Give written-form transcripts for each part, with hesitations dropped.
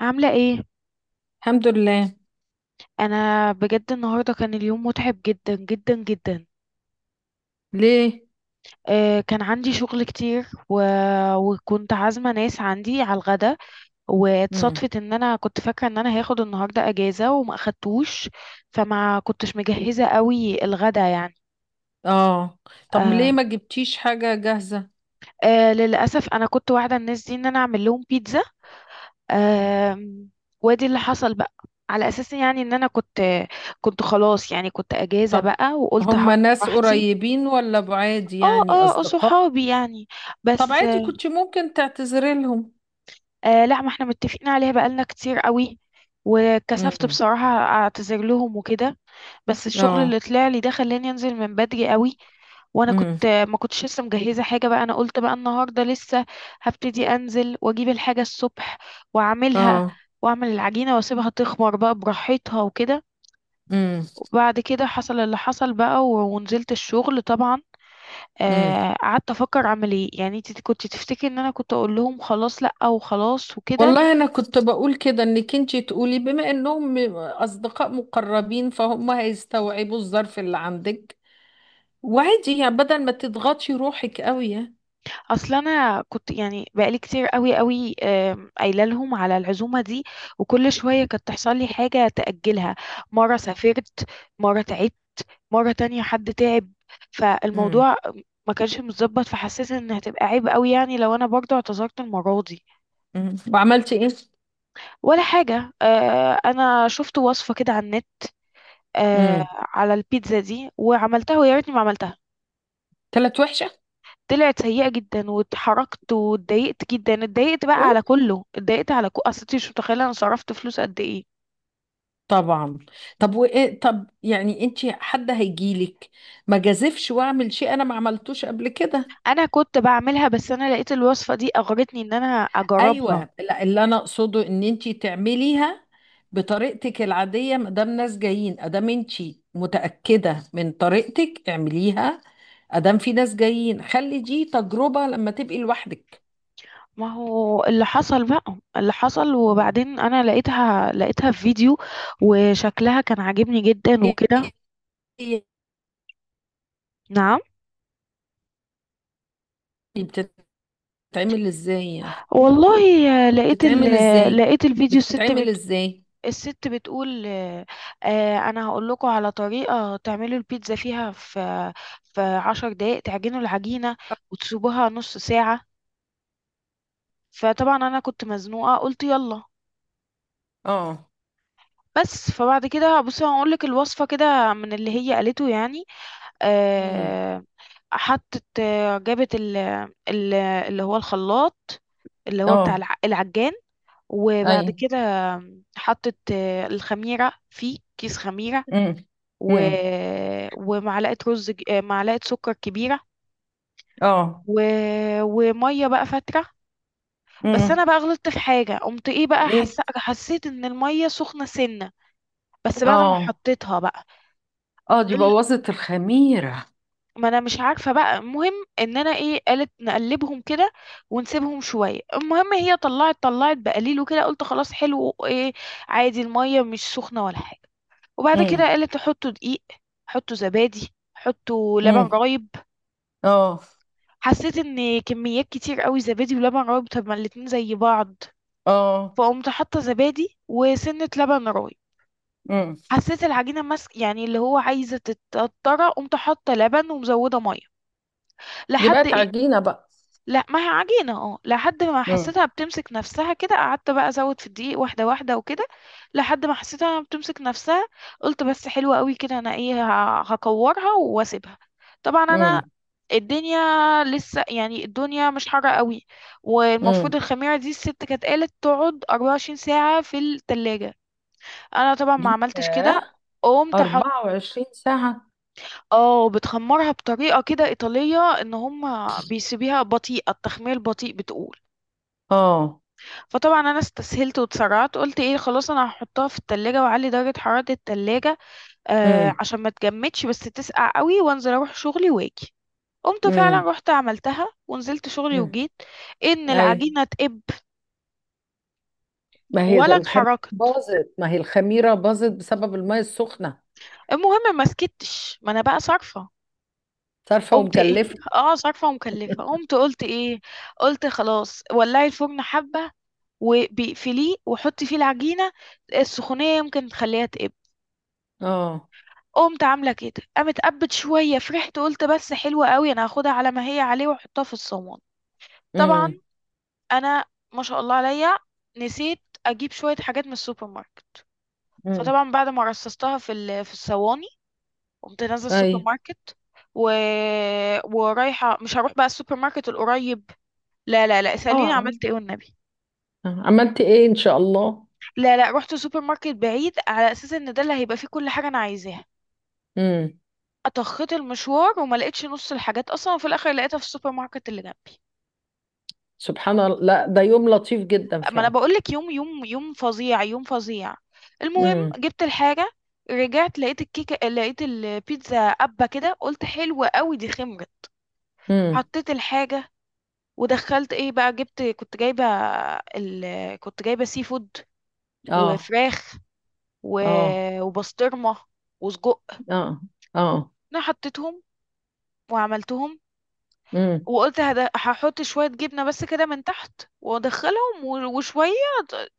عاملة ايه؟ الحمد لله. انا بجد النهاردة كان اليوم متعب جدا جدا جدا. ليه؟ كان عندي شغل كتير وكنت عازمة ناس عندي على الغدا. امم. واتصادفت ان انا كنت فاكرة ان انا هاخد النهاردة اجازة وما اخدتوش، فما كنتش مجهزة قوي الغدا يعني. اه. طب آه. ليه ما جبتيش حاجة جاهزة؟ للأسف انا كنت واعدة الناس دي ان انا اعمل لهم بيتزا. آه. وادي اللي حصل بقى، على اساس يعني ان انا كنت خلاص، يعني كنت اجازة طب بقى وقلت هعمل هما ناس براحتي. قريبين ولا بعاد، اه، يعني اه، أصدقاء؟ صحابي يعني، طب بس. عادي كنت ممكن تعتذري لهم. لا، ما احنا متفقين عليها بقالنا كتير قوي، وكسفت امم. بصراحة اعتذر لهم وكده. بس الشغل اه. اللي طلع لي ده خلاني انزل من بدري قوي، وانا امم. كنت ما كنتش لسه مجهزة حاجة بقى. انا قلت بقى النهاردة لسه هبتدي انزل واجيب الحاجة الصبح واعملها، اه. واعمل العجينة واسيبها تخمر بقى براحتها وكده. امم. وبعد كده حصل اللي حصل بقى ونزلت الشغل طبعا. امم قعدت افكر اعمل ايه، يعني انت كنت تفتكري ان انا كنت اقول لهم خلاص لا وخلاص وكده. والله انا كنت بقول كده انك انتي تقولي بما انهم اصدقاء مقربين فهم هيستوعبوا الظرف اللي عندك. وعادي يعني بدل ما تضغطي روحك قوي يعني. اصل انا كنت يعني بقالي كتير قوي قوي قايله لهم على العزومه دي، وكل شويه كانت تحصل لي حاجه تاجلها. مره سافرت، مره تعبت، مره تانية حد تعب. امم. فالموضوع ما كانش متظبط، فحسيت ان هتبقى عيب قوي يعني لو انا برضو اعتذرت المره دي. وعملتي ولا حاجه. انا شفت وصفه كده على النت، ايه؟ على البيتزا دي، وعملتها ويا ريتني ما عملتها. طلعت وحشة؟ طلعت سيئة جدا، واتحركت واتضايقت جدا، اتضايقت بقى اوه. على كله، اتضايقت على اصل انتي مش متخيلة انا صرفت فلوس قد ايه. طبعا. طب وايه؟ طب يعني انت حد هيجيلك؟ ما جازفش واعمل شيء انا ما عملتوش قبل كده. انا كنت بعملها بس انا لقيت الوصفة دي اغرتني ان انا اجربها. ايوه، لا اللي انا اقصده ان انت تعمليها بطريقتك العادية ما دام ناس جايين ادام انت متأكدة من طريقتك اعمليها. ادام في ناس جايين خلي دي تجربة لما تبقي لوحدك. ما هو اللي حصل بقى اللي حصل، مم. وبعدين انا لقيتها في فيديو، وشكلها كان عاجبني جدا وكده. ايه؟ إيه؟ نعم. بتتعمل ازاي يعني؟ والله آه، لقيت ال... بتتعمل آه، ازاي؟ لقيت الفيديو. الست، بتتعمل ازاي؟ الست بتقول، انا هقول لكم على طريقه تعملوا البيتزا فيها، في عشر دقايق تعجنوا العجينه وتسيبوها نص ساعه. فطبعا انا كنت مزنوقه قلت يلا. اه. بس فبعد كده بصي هقول لك الوصفه كده من اللي هي قالته يعني. مم. آه، حطت آه، جابت ال اللي هو الخلاط، اللي هو بتاع اه. العجان. اي. وبعد كده حطت الخميره، فيه كيس خميره، امم. و... امم. ومعلقة رز ج- آه، معلقة سكر كبيرة، اه. و... ومية بقى فترة. بس امم. انا بقى غلطت في حاجة، قمت ايه بقى، ايه؟ حسيت ان المية سخنة سنة بس بعد ما اه. حطيتها بقى اه دي ال- بوظت الخميرة. ما انا مش عارفة بقى. المهم ان انا ايه، قالت نقلبهم كده ونسيبهم شوية. المهم هي طلعت بقليل وكده، قلت خلاص حلو، ايه، عادي، المية مش سخنة ولا حاجة. وبعد كده امم. قالت حطوا دقيق، حطوا زبادي، حطوا لبن امم. رايب. اه. حسيت ان كميات كتير قوي زبادي ولبن رايب، طب ما الاتنين زي بعض، اه. فقمت حاطه زبادي وسنه لبن رايب. امم. حسيت العجينه ماسك، يعني اللي هو عايزه تتقطر، قمت حاطه لبن ومزوده ميه دي لحد بقت إيه. عجينة بقى؟ لا، ما هي عجينة، اه، لحد ما امم. حسيتها بتمسك نفسها كده، قعدت بقى ازود في الدقيق واحدة واحدة وكده، لحد ما حسيتها بتمسك نفسها. قلت بس حلوة قوي كده، انا ايه، هكورها واسيبها. طبعا امم. الدنيا لسه، يعني الدنيا مش حارة قوي، والمفروض امم. الخميرة دي الست كانت قالت تقعد 24 ساعة في التلاجة. انا طبعا ما عملتش كده. ليها قمت حط. 24 ساعة؟ اه، بتخمرها بطريقة كده إيطالية، ان هم بيسيبيها بطيئة التخمير، بطيء بتقول. اه. فطبعا انا استسهلت واتسرعت، قلت ايه، خلاص انا هحطها في التلاجة واعلي درجة حرارة التلاجة، امم. عشان ما تجمدش بس تسقع قوي، وانزل اروح شغلي واجي. قمت فعلا امم. رحت عملتها ونزلت شغلي امم. وجيت. ان اي. العجينة تقب، ما هي ده ولا الخميرة اتحركت. باظت، ما هي الخميرة باظت بسبب المية السخنة. المهم ما سكتش، ما انا بقى صارفة. صارفة قمت ايه، ومكلفة. اه، صارفة ومكلفة. قمت قلت ايه، قلت خلاص ولعي الفرن حبة وبيقفليه وحطي فيه العجينة، السخونية يمكن تخليها تقب. اه. قمت عامله كده، قامت قبت شويه، فرحت قلت بس حلوه قوي، انا هاخدها على ما هي عليه واحطها في الصواني. طبعا امم. انا، ما شاء الله عليا، نسيت اجيب شويه حاجات من السوبر ماركت. امم. فطبعا بعد ما رصصتها في في الصواني، قمت نازله اي. السوبر ماركت و... ورايحه. مش هروح بقى السوبر ماركت القريب، لا لا لا، اساليني اه. عملت ايه والنبي. عملتي ايه ان شاء الله؟ لا لا، رحت سوبر ماركت بعيد على اساس ان ده اللي هيبقى فيه كل حاجه انا عايزاها. امم. اطخت المشوار وما لقيتش نص الحاجات اصلا، وفي الاخر لقيتها في السوبر ماركت اللي جنبي. سبحان الله، لا ده يوم لطيف جدا ما انا فعلا. بقول لك، يوم يوم يوم فظيع، يوم فظيع. المهم امم. جبت الحاجه. رجعت لقيت الكيكه، لقيت البيتزا قبه كده، قلت حلوه قوي دي، خمرت. امم. حطيت الحاجه ودخلت ايه بقى. جبت، كنت جايبه ال... كنت جايبه سي فود اه. وفراخ، و... اه. وبسطرمه وسجق. اه. اه. انا حطيتهم وعملتهم، امم. وقلت هحط شويه جبنه بس كده من تحت وادخلهم، وشويه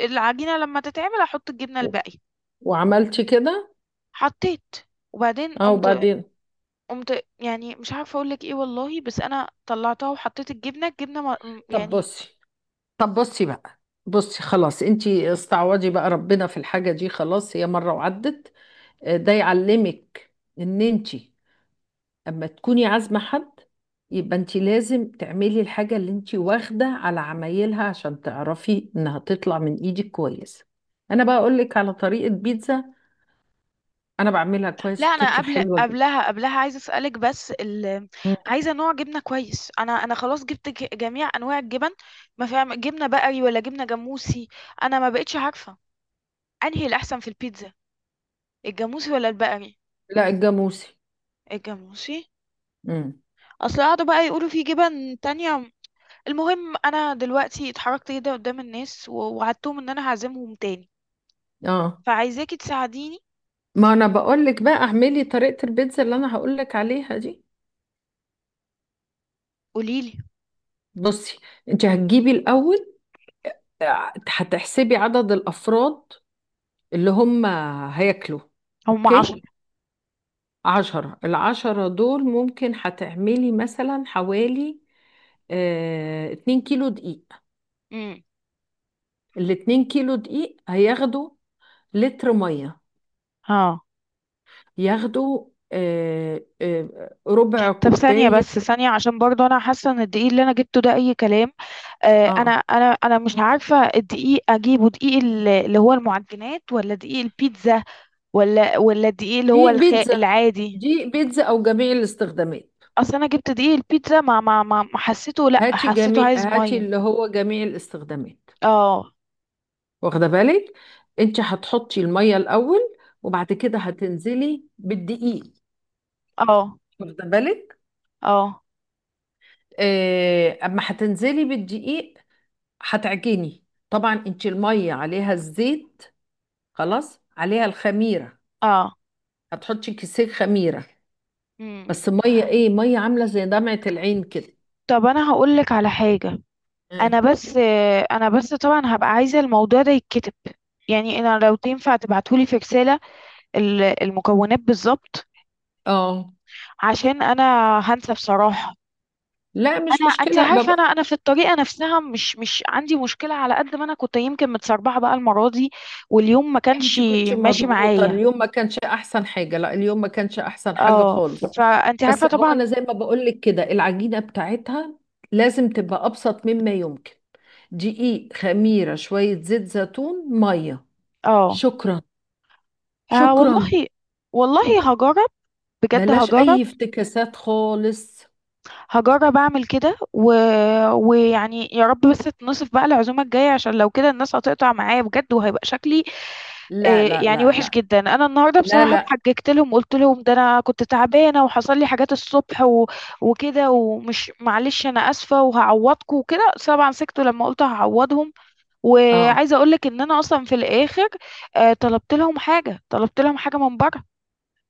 العجينه لما تتعمل احط الجبنه الباقي. وعملتي كده؟ حطيت وبعدين اه، قمت وبعدين؟ قمت يعني مش عارفه اقول لك ايه والله، بس انا طلعتها وحطيت الجبنه ما طب يعني. بصي. طب بصي بقى. بصي خلاص انتي استعوضي بقى ربنا في الحاجة دي، خلاص هي مرة وعدت. ده يعلمك ان انتي اما تكوني عازمه حد يبقى انت لازم تعملي الحاجه اللي انت واخده على عمايلها عشان تعرفي انها تطلع من ايدك كويسه. انا بقى اقول لك على طريقه بيتزا. انا بعملها لا كويس انا وبتطلع قبل حلوه جدا. قبلها قبلها عايزه اسالك بس مم. عايزه نوع جبنه كويس. انا خلاص جبت جميع انواع الجبن، ما فيها جبنه بقري ولا جبنه جاموسي. انا ما بقتش عارفه انهي الاحسن في البيتزا، الجاموسي ولا البقري. لا، الجاموسي. الجاموسي. امم. اصل قعدوا بقى يقولوا في جبن تانية. المهم انا دلوقتي اتحركت كده قدام الناس، ووعدتهم ان انا هعزمهم تاني، اه فعايزاكي تساعديني. ما انا بقول لك بقى اعملي طريقه البيتزا اللي انا هقول لك عليها دي. قوليلي، بصي، انت هتجيبي الاول، هتحسبي عدد الافراد اللي هم هياكلوا. هم 10 اوكي، قول. عشرة، العشرة دول ممكن هتعملي مثلا حوالي اتنين كيلو دقيق. امم، الاتنين كيلو دقيق هياخدوا لتر مية، اه. ياخدوا ربع طب ثانية بس كوباية. ثانية، عشان برضه أنا حاسة إن الدقيق اللي أنا جبته ده أي كلام. أنا اه. أنا أنا مش عارفة الدقيق أجيبه دقيق اللي هو المعجنات ولا دقيق البيتزا، ولا الدقيق اللي هو دي بيتزا؟ العادي. دي بيتزا او جميع الاستخدامات؟ أصل أنا جبت دقيق البيتزا، ما حسيته، لأ حسيته عايز هاتي مية. اللي هو جميع الاستخدامات. اه، واخده بالك، انت هتحطي المية الاول وبعد كده هتنزلي بالدقيق. اه، واخده بالك، اه، اما هتنزلي بالدقيق هتعجني. طبعا انت الميه عليها الزيت، خلاص عليها الخميره، اه، هتحطي كيسين خميره، امم. بس ميه، ايه ميه؟ عامله زي دمعه العين كده. طب أنا هقولك على حاجة، اه. انا بس انا بس طبعا هبقى عايزه الموضوع ده يتكتب. يعني انا لو تنفع تبعتولي في رساله المكونات بالظبط، آه. عشان انا هنسى بصراحه. لا مش انت مشكله عارفه، بابا. انا في الطريقه نفسها مش عندي مشكله، على قد ما انا كنت يمكن متسربعه بقى المره دي، واليوم ما كانش انت كنت ماشي مضغوطه معايا. اليوم، ما كانش احسن حاجه، لا اليوم ما كانش احسن حاجه اه. خالص. فانت عارفه بس هو طبعا. انا زي ما بقول لك كده العجينه بتاعتها لازم تبقى ابسط مما يمكن. دقيق، خميره، شويه زيت زيتون، ميه. اه. شكرا. شكرا. والله، والله هجرب، بجد بلاش هجرب. اي افتكاسات خالص. هجرب اعمل كده ويعني يا رب بس تنصف بقى العزومه الجايه، عشان لو كده الناس هتقطع معايا بجد وهيبقى شكلي لا لا يعني لا وحش لا. جدا. انا النهارده لا بصراحه لا. اتحججت لهم، قلت لهم ده انا كنت تعبانه وحصل لي حاجات الصبح وكده، ومش معلش انا اسفه وهعوضكم وكده. طبعا سكتوا لما قلت هعوضهم. اه وعايزه اقول لك ان انا اصلا في الاخر طلبت لهم حاجه من بره،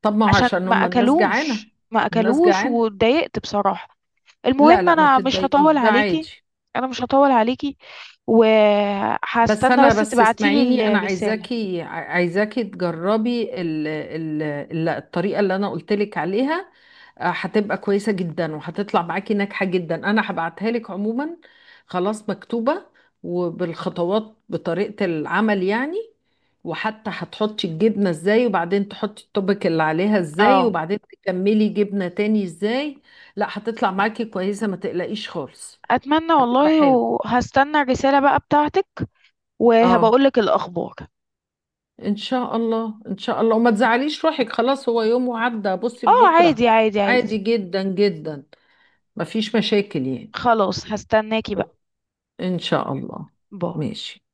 طب ما هو عشان عشان ما هم الناس جعانه. اكلوش، ما الناس اكلوش جعانه. واتضايقت بصراحه. لا المهم لا، ما انا مش تتضايقيش، هطول ده عليكي. عادي. انا مش هطول عليكي، بس وهستنى انا بس بس اسمعيني، تبعتيلي انا الرسالة. عايزاكي عايزاكي تجربي الطريقه اللي انا قلت لك عليها. هتبقى كويسه جدا وهتطلع معاكي ناجحه جدا، انا هبعتها لك عموما. خلاص مكتوبه وبالخطوات بطريقه العمل يعني، وحتى هتحطي الجبنه ازاي وبعدين تحطي الطبق اللي عليها ازاي اه، وبعدين تكملي جبنه تاني ازاي. لا هتطلع معاكي كويسه، ما تقلقيش خالص. اتمنى هتبقى والله. حلو. وهستنى الرسالة بقى بتاعتك، اه. وهبقولك الاخبار. ان شاء الله، ان شاء الله، وما تزعليش روحك، خلاص هو يوم وعدى، بصي اه، لبكره. عادي، عادي، عادي عادي. جدا جدا. مفيش مشاكل يعني. خلاص، هستناكي بقى. ان شاء الله. باي. ماشي.